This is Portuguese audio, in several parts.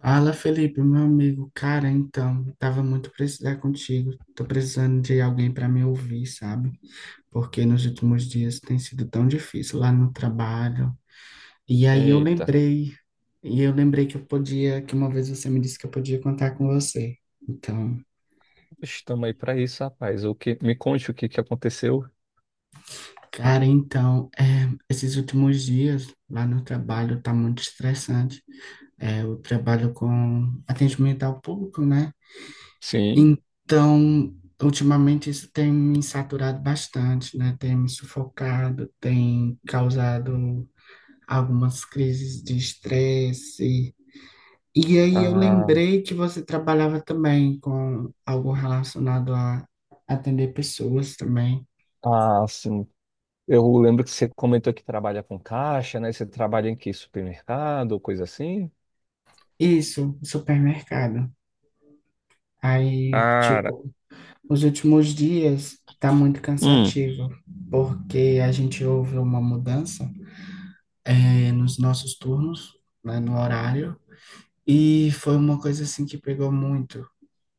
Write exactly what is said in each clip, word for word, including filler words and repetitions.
Fala, Felipe, meu amigo. Cara, então, tava muito precisando contigo. Tô precisando de alguém para me ouvir, sabe? Porque nos últimos dias tem sido tão difícil lá no trabalho. E aí eu Eita, lembrei, e eu lembrei que eu podia, que uma vez você me disse que eu podia contar com você. Então, estamos aí para isso, rapaz. O que, me conte o que que aconteceu? cara, então, é, esses últimos dias lá no trabalho tá muito estressante. É, eu trabalho com atendimento ao público, né? Sim. Então, ultimamente isso tem me saturado bastante, né? Tem me sufocado, tem causado algumas crises de estresse. E aí eu Ah, lembrei que você trabalhava também com algo relacionado a atender pessoas também. ah, sim. Eu lembro que você comentou que trabalha com caixa, né? Você trabalha em que supermercado, coisa assim? Isso, supermercado. Aí, Cara, tipo, os últimos dias tá muito hum, cansativo, porque a gente houve uma mudança é, nos nossos turnos, né, no horário, e foi uma coisa assim que pegou muito,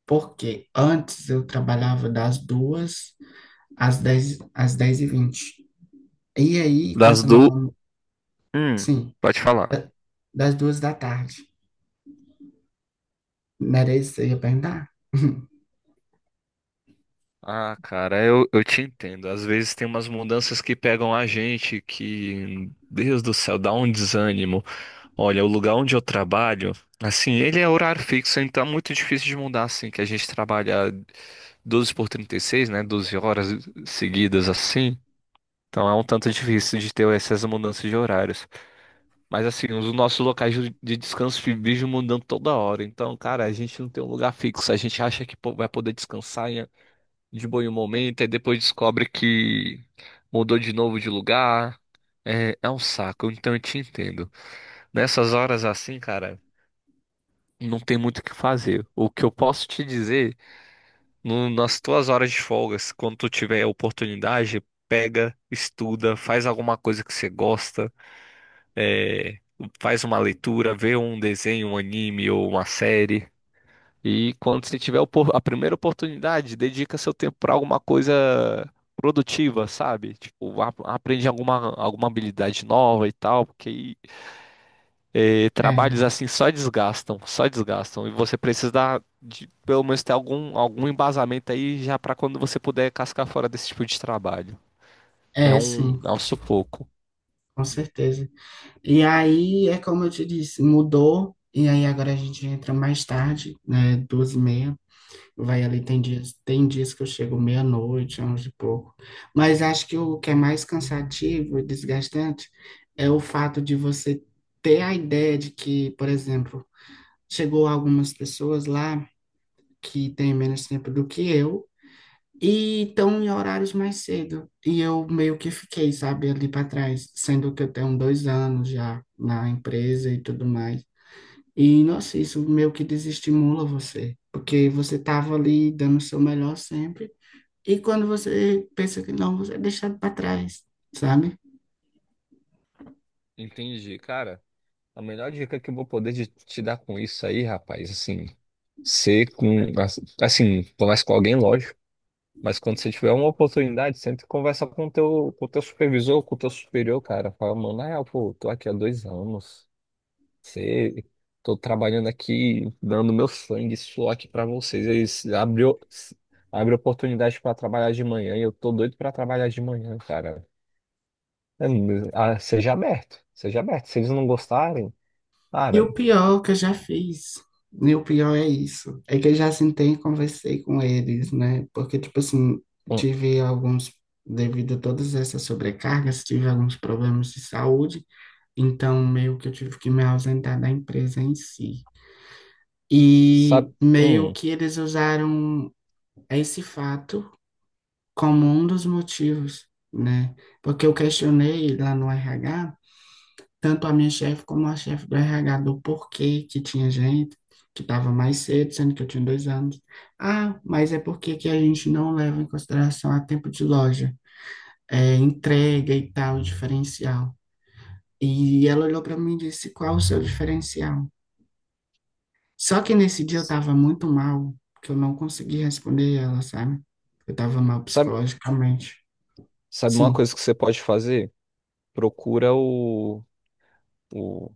porque antes eu trabalhava das duas às dez às dez e vinte, e aí com das essa nova, do. Hum, sim, Pode falar. da- das duas da tarde. Não era isso que você ia perguntar? Ah, cara, eu, eu te entendo. Às vezes tem umas mudanças que pegam a gente que, Deus do céu, dá um desânimo. Olha, o lugar onde eu trabalho, assim, ele é horário fixo, então é muito difícil de mudar, assim, que a gente trabalha doze por trinta e seis, né? Doze horas seguidas, assim. Então é um tanto difícil de ter essas mudanças de horários. Mas, assim, os nossos locais de de descanso vivem mudando toda hora. Então, cara, a gente não tem um lugar fixo. A gente acha que pô, vai poder descansar em- de bom em um momento, e depois descobre que mudou de novo de lugar. É, é um saco, então eu te entendo. Nessas horas assim, cara, não tem muito o que fazer. O que eu posso te dizer, no- nas tuas horas de folgas, quando tu tiver a oportunidade, pega, estuda, faz alguma coisa que você gosta, é, faz uma leitura, vê um desenho, um anime ou uma série. E quando você tiver a opor- a primeira oportunidade, dedica seu tempo para alguma coisa produtiva, sabe? Tipo, a- aprende alguma, alguma habilidade nova e tal, porque aí e trabalhos É, assim só desgastam, só desgastam. E você precisa dar de, pelo menos ter algum, algum embasamento aí já para quando você puder cascar fora desse tipo de trabalho. É é um, sim, é um sufoco. com Hum, certeza. E aí é como eu te disse, mudou, e aí agora a gente entra mais tarde, né, doze e meia. Vai ali, hum, tem dias, tem dias que eu chego meia-noite, onze e pouco. Mas acho que o que é mais cansativo e desgastante é o fato de você ter a ideia de que, por exemplo, chegou algumas pessoas lá que têm hum. menos tempo do que eu e estão em horários mais cedo. E eu meio que fiquei, sabe, ali para trás, sendo que eu tenho dois anos já na empresa e tudo mais. E, nossa, isso meio que desestimula você, porque você estava ali dando o seu melhor sempre, e quando você pensa que não, você é deixado para trás, sabe? Entendi, cara. A melhor dica que eu vou poder de- te dar com isso aí, rapaz, assim, ser com, assim, conversa com alguém, lógico, mas quando você tiver uma oportunidade, sempre conversa com o teu, com o teu supervisor, com o teu superior, cara. Fala, mano, na real, pô, tô aqui há dois anos. Você, tô trabalhando aqui, dando meu sangue, e suor aqui pra vocês. Eles abriu, abre oportunidade pra trabalhar de manhã e eu tô doido pra trabalhar de manhã, cara. É, mas, ah, seja aberto, seja aberto. Se eles não gostarem, E cara, o pior que eu já fiz, e o pior é isso, é que eu já sentei e conversei com eles, né? Porque, tipo assim, hum, tive alguns, devido a todas essas sobrecargas, tive alguns problemas de saúde, então meio que eu tive que me ausentar da empresa em si. sabe, E meio hum, que eles usaram esse fato como um dos motivos, né? Porque eu questionei lá no R H tanto a minha chefe como a chefe do R H do porquê que tinha gente que estava mais cedo, sendo que eu tinha dois anos. Ah, mas é porque que a gente não leva em consideração a tempo de loja, é, entrega e tal, diferencial. E ela olhou para mim e disse, qual o seu diferencial? Só que nesse dia eu estava muito mal, que eu não consegui responder ela, sabe? Eu estava mal sabe, psicologicamente. sabe uma Sim, coisa que você pode fazer? Procura o, o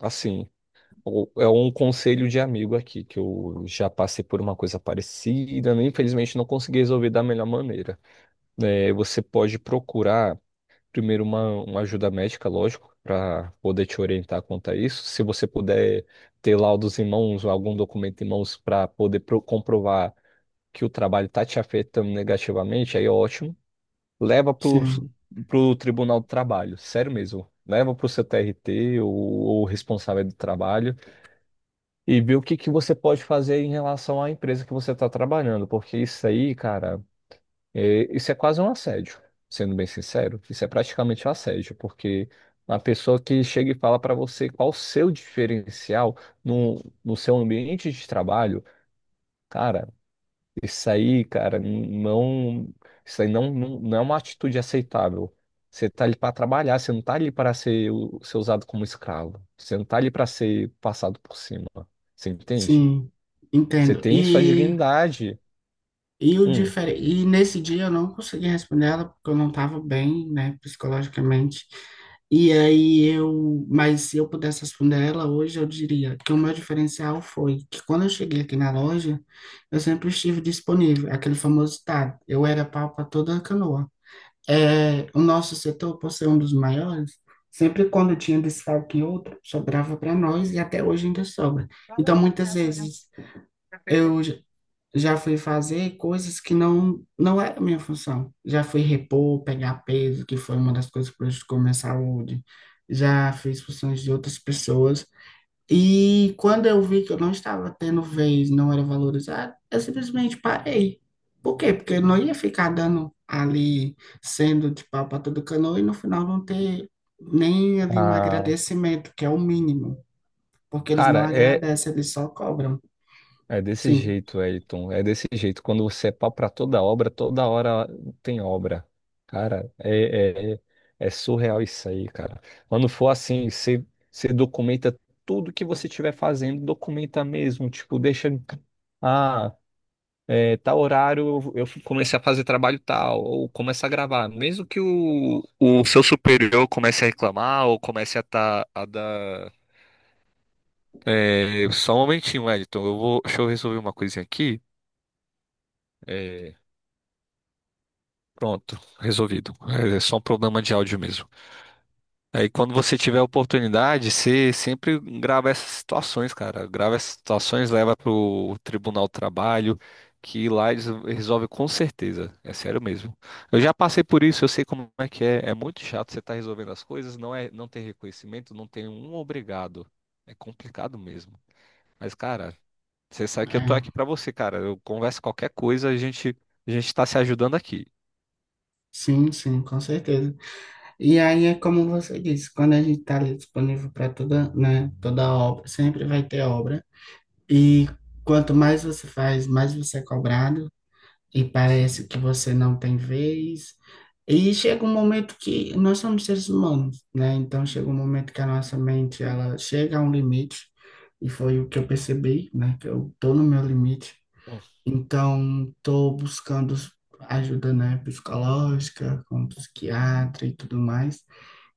assim, o- é um conselho de amigo aqui, que eu já passei por uma coisa parecida, né? Infelizmente não consegui resolver da melhor maneira. É, você pode procurar primeiro uma, uma ajuda médica, lógico, para poder te orientar quanto a isso. Se você puder ter laudos em mãos ou algum documento em mãos para poder pro- comprovar que o trabalho está te afetando negativamente, aí é ótimo. Leva para sim, o Tribunal do Trabalho, sério mesmo. Leva para o seu T R T ou, ou responsável do trabalho e vê o que, que você pode fazer em relação à empresa que você está trabalhando, porque isso aí, cara. É, isso é quase um assédio, sendo bem sincero. Isso é praticamente um assédio, porque uma pessoa que chega e fala para você qual o seu diferencial no, no seu ambiente de trabalho, cara, isso aí, cara, não, isso aí não, não, não é uma atitude aceitável. Você tá ali para trabalhar, você não tá ali para ser, o- ser usado como escravo. Você não tá ali para ser passado por cima. Você entende? sim, Você entendo. tem sua E dignidade. E, o Hum, difer... e nesse dia eu não consegui responder ela porque eu não estava bem, né, psicologicamente. E aí eu, mas se eu pudesse responder ela hoje, eu diria que o meu diferencial foi que quando eu cheguei aqui na loja, eu sempre estive disponível, aquele famoso ditado, eu era pau para toda canoa. É, o nosso setor, por ser um dos maiores, sempre quando tinha desfalque em outro, sobrava para nós, e até hoje ainda sobra. Então, muitas vezes eu já fui fazer coisas que não não era minha função. Já fui repor, pegar peso, que foi uma das coisas que prejudicou minha saúde. Já fiz funções de outras pessoas. E quando eu vi que eu não estava tendo vez, não era valorizado, eu simplesmente parei. Por quê? Porque eu não ia ficar dando ali, sendo de pau para todo canoa e no final não ter nem ali um ah, agradecimento, que é o mínimo, porque eles não Cara, é agradecem, eles só cobram. é desse Sim, jeito, Elton. É desse jeito. Quando você é pau pra toda obra, toda hora tem obra. Cara, é, é, é é surreal isso aí, cara. Quando for assim, você, você documenta tudo que você estiver fazendo, documenta mesmo. Tipo, deixa. Ah, é, tal horário eu eu comecei a fazer trabalho tal, ou começa a gravar. Mesmo que o, o seu superior comece a reclamar, ou comece a, tá, a dar. É, só um momentinho, Elton. Eu vou, deixa eu resolver uma coisinha aqui. É, pronto, resolvido. É só um problema de áudio mesmo. Aí quando você tiver a oportunidade, você sempre grava essas situações, cara. Grava essas situações, leva pro Tribunal do Trabalho, que lá eles resolvem com certeza. É sério mesmo. Eu já passei por isso, eu sei como é que é. É muito chato você estar resolvendo as coisas, não é, não tem reconhecimento, não tem um obrigado. É complicado mesmo. Mas, cara, você sabe que eu tô é, aqui pra você, cara. Eu converso qualquer coisa, a gente, a gente tá se ajudando aqui. sim, sim, com certeza. E aí é como você disse, quando a gente está ali disponível para toda, né, toda obra, sempre vai ter obra. E quanto mais você faz, mais você é cobrado, e parece Sim. que você não tem vez. E chega um momento que nós somos seres humanos, né? Então chega um momento que a nossa mente, ela chega a um limite, e foi o que eu percebi, né? Que eu tô no meu limite. Então, estou buscando ajuda, né, psicológica, com psiquiatra e tudo mais.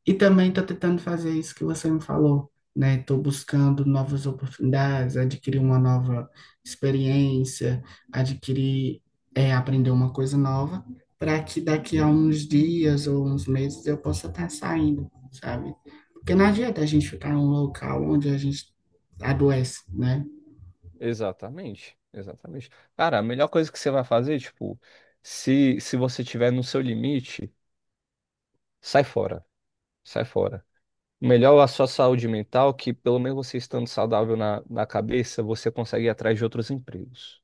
E também estou tentando fazer isso que você me falou, né? Estou buscando novas oportunidades, adquirir uma nova experiência, adquirir, é, aprender uma coisa nova, para que daqui a Sim, uns dias ou uns meses eu possa estar saindo, sabe? Porque não adianta a gente ficar em um local onde a gente adoece, né? exatamente, exatamente. Cara, a melhor coisa que você vai fazer, tipo, se, se você tiver no seu limite, sai fora, sai fora. Melhor a sua saúde mental, que pelo menos você estando saudável na, na cabeça, você consegue ir atrás de outros empregos.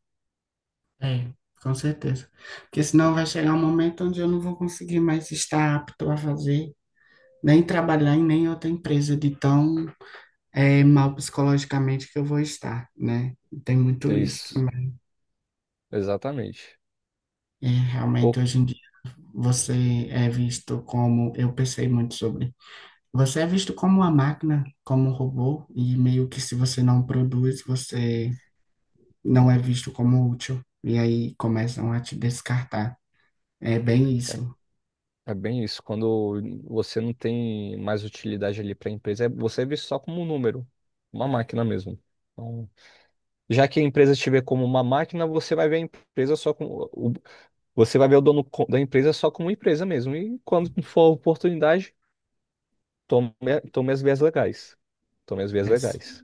É, com certeza. Porque senão vai chegar um momento onde eu não vou conseguir mais estar apto a fazer, nem trabalhar em nem outra empresa de tão eh, mal psicologicamente que eu vou estar, né? Tem muito isso Isso, também. exatamente. E realmente Pô, hoje em dia você é visto como, eu pensei muito sobre, você é visto como uma máquina, como um robô, e meio que se você não produz, você não é visto como útil. E aí começam a te descartar. É bem é, isso. é bem isso. Quando você não tem mais utilidade ali para a empresa, é- você é visto só como um número, uma máquina mesmo. Então, já que a empresa te vê como uma máquina, você vai ver a empresa só com. Você vai ver o dono co- da empresa só como empresa mesmo. E quando for a oportunidade, tome, tome as vias legais. Tome as vias Né? legais.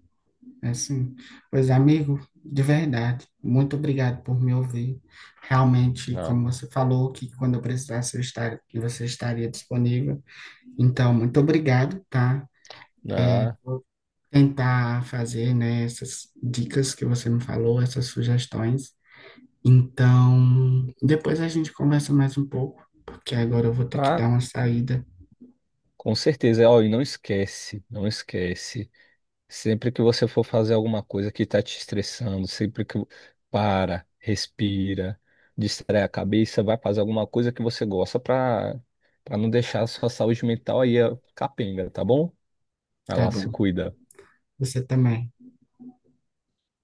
Assim, pois amigo, de verdade, muito obrigado por me ouvir. Realmente, Ah, como você falou, que quando eu precisasse eu estar, que você estaria disponível. Então, muito obrigado, tá? ah, Tentar fazer, né, essas dicas que você me falou, essas sugestões. Então, depois a gente conversa mais um pouco, porque agora eu vou ter que ah, dar uma saída, com certeza. Ó, e não esquece, não esquece. Sempre que você for fazer alguma coisa que está te estressando, sempre que para, respira, distrai a cabeça, vai fazer alguma coisa que você gosta para para não deixar a sua saúde mental aí ó, capenga, tá bom? Vai tá lá, se bom? cuida. Você também.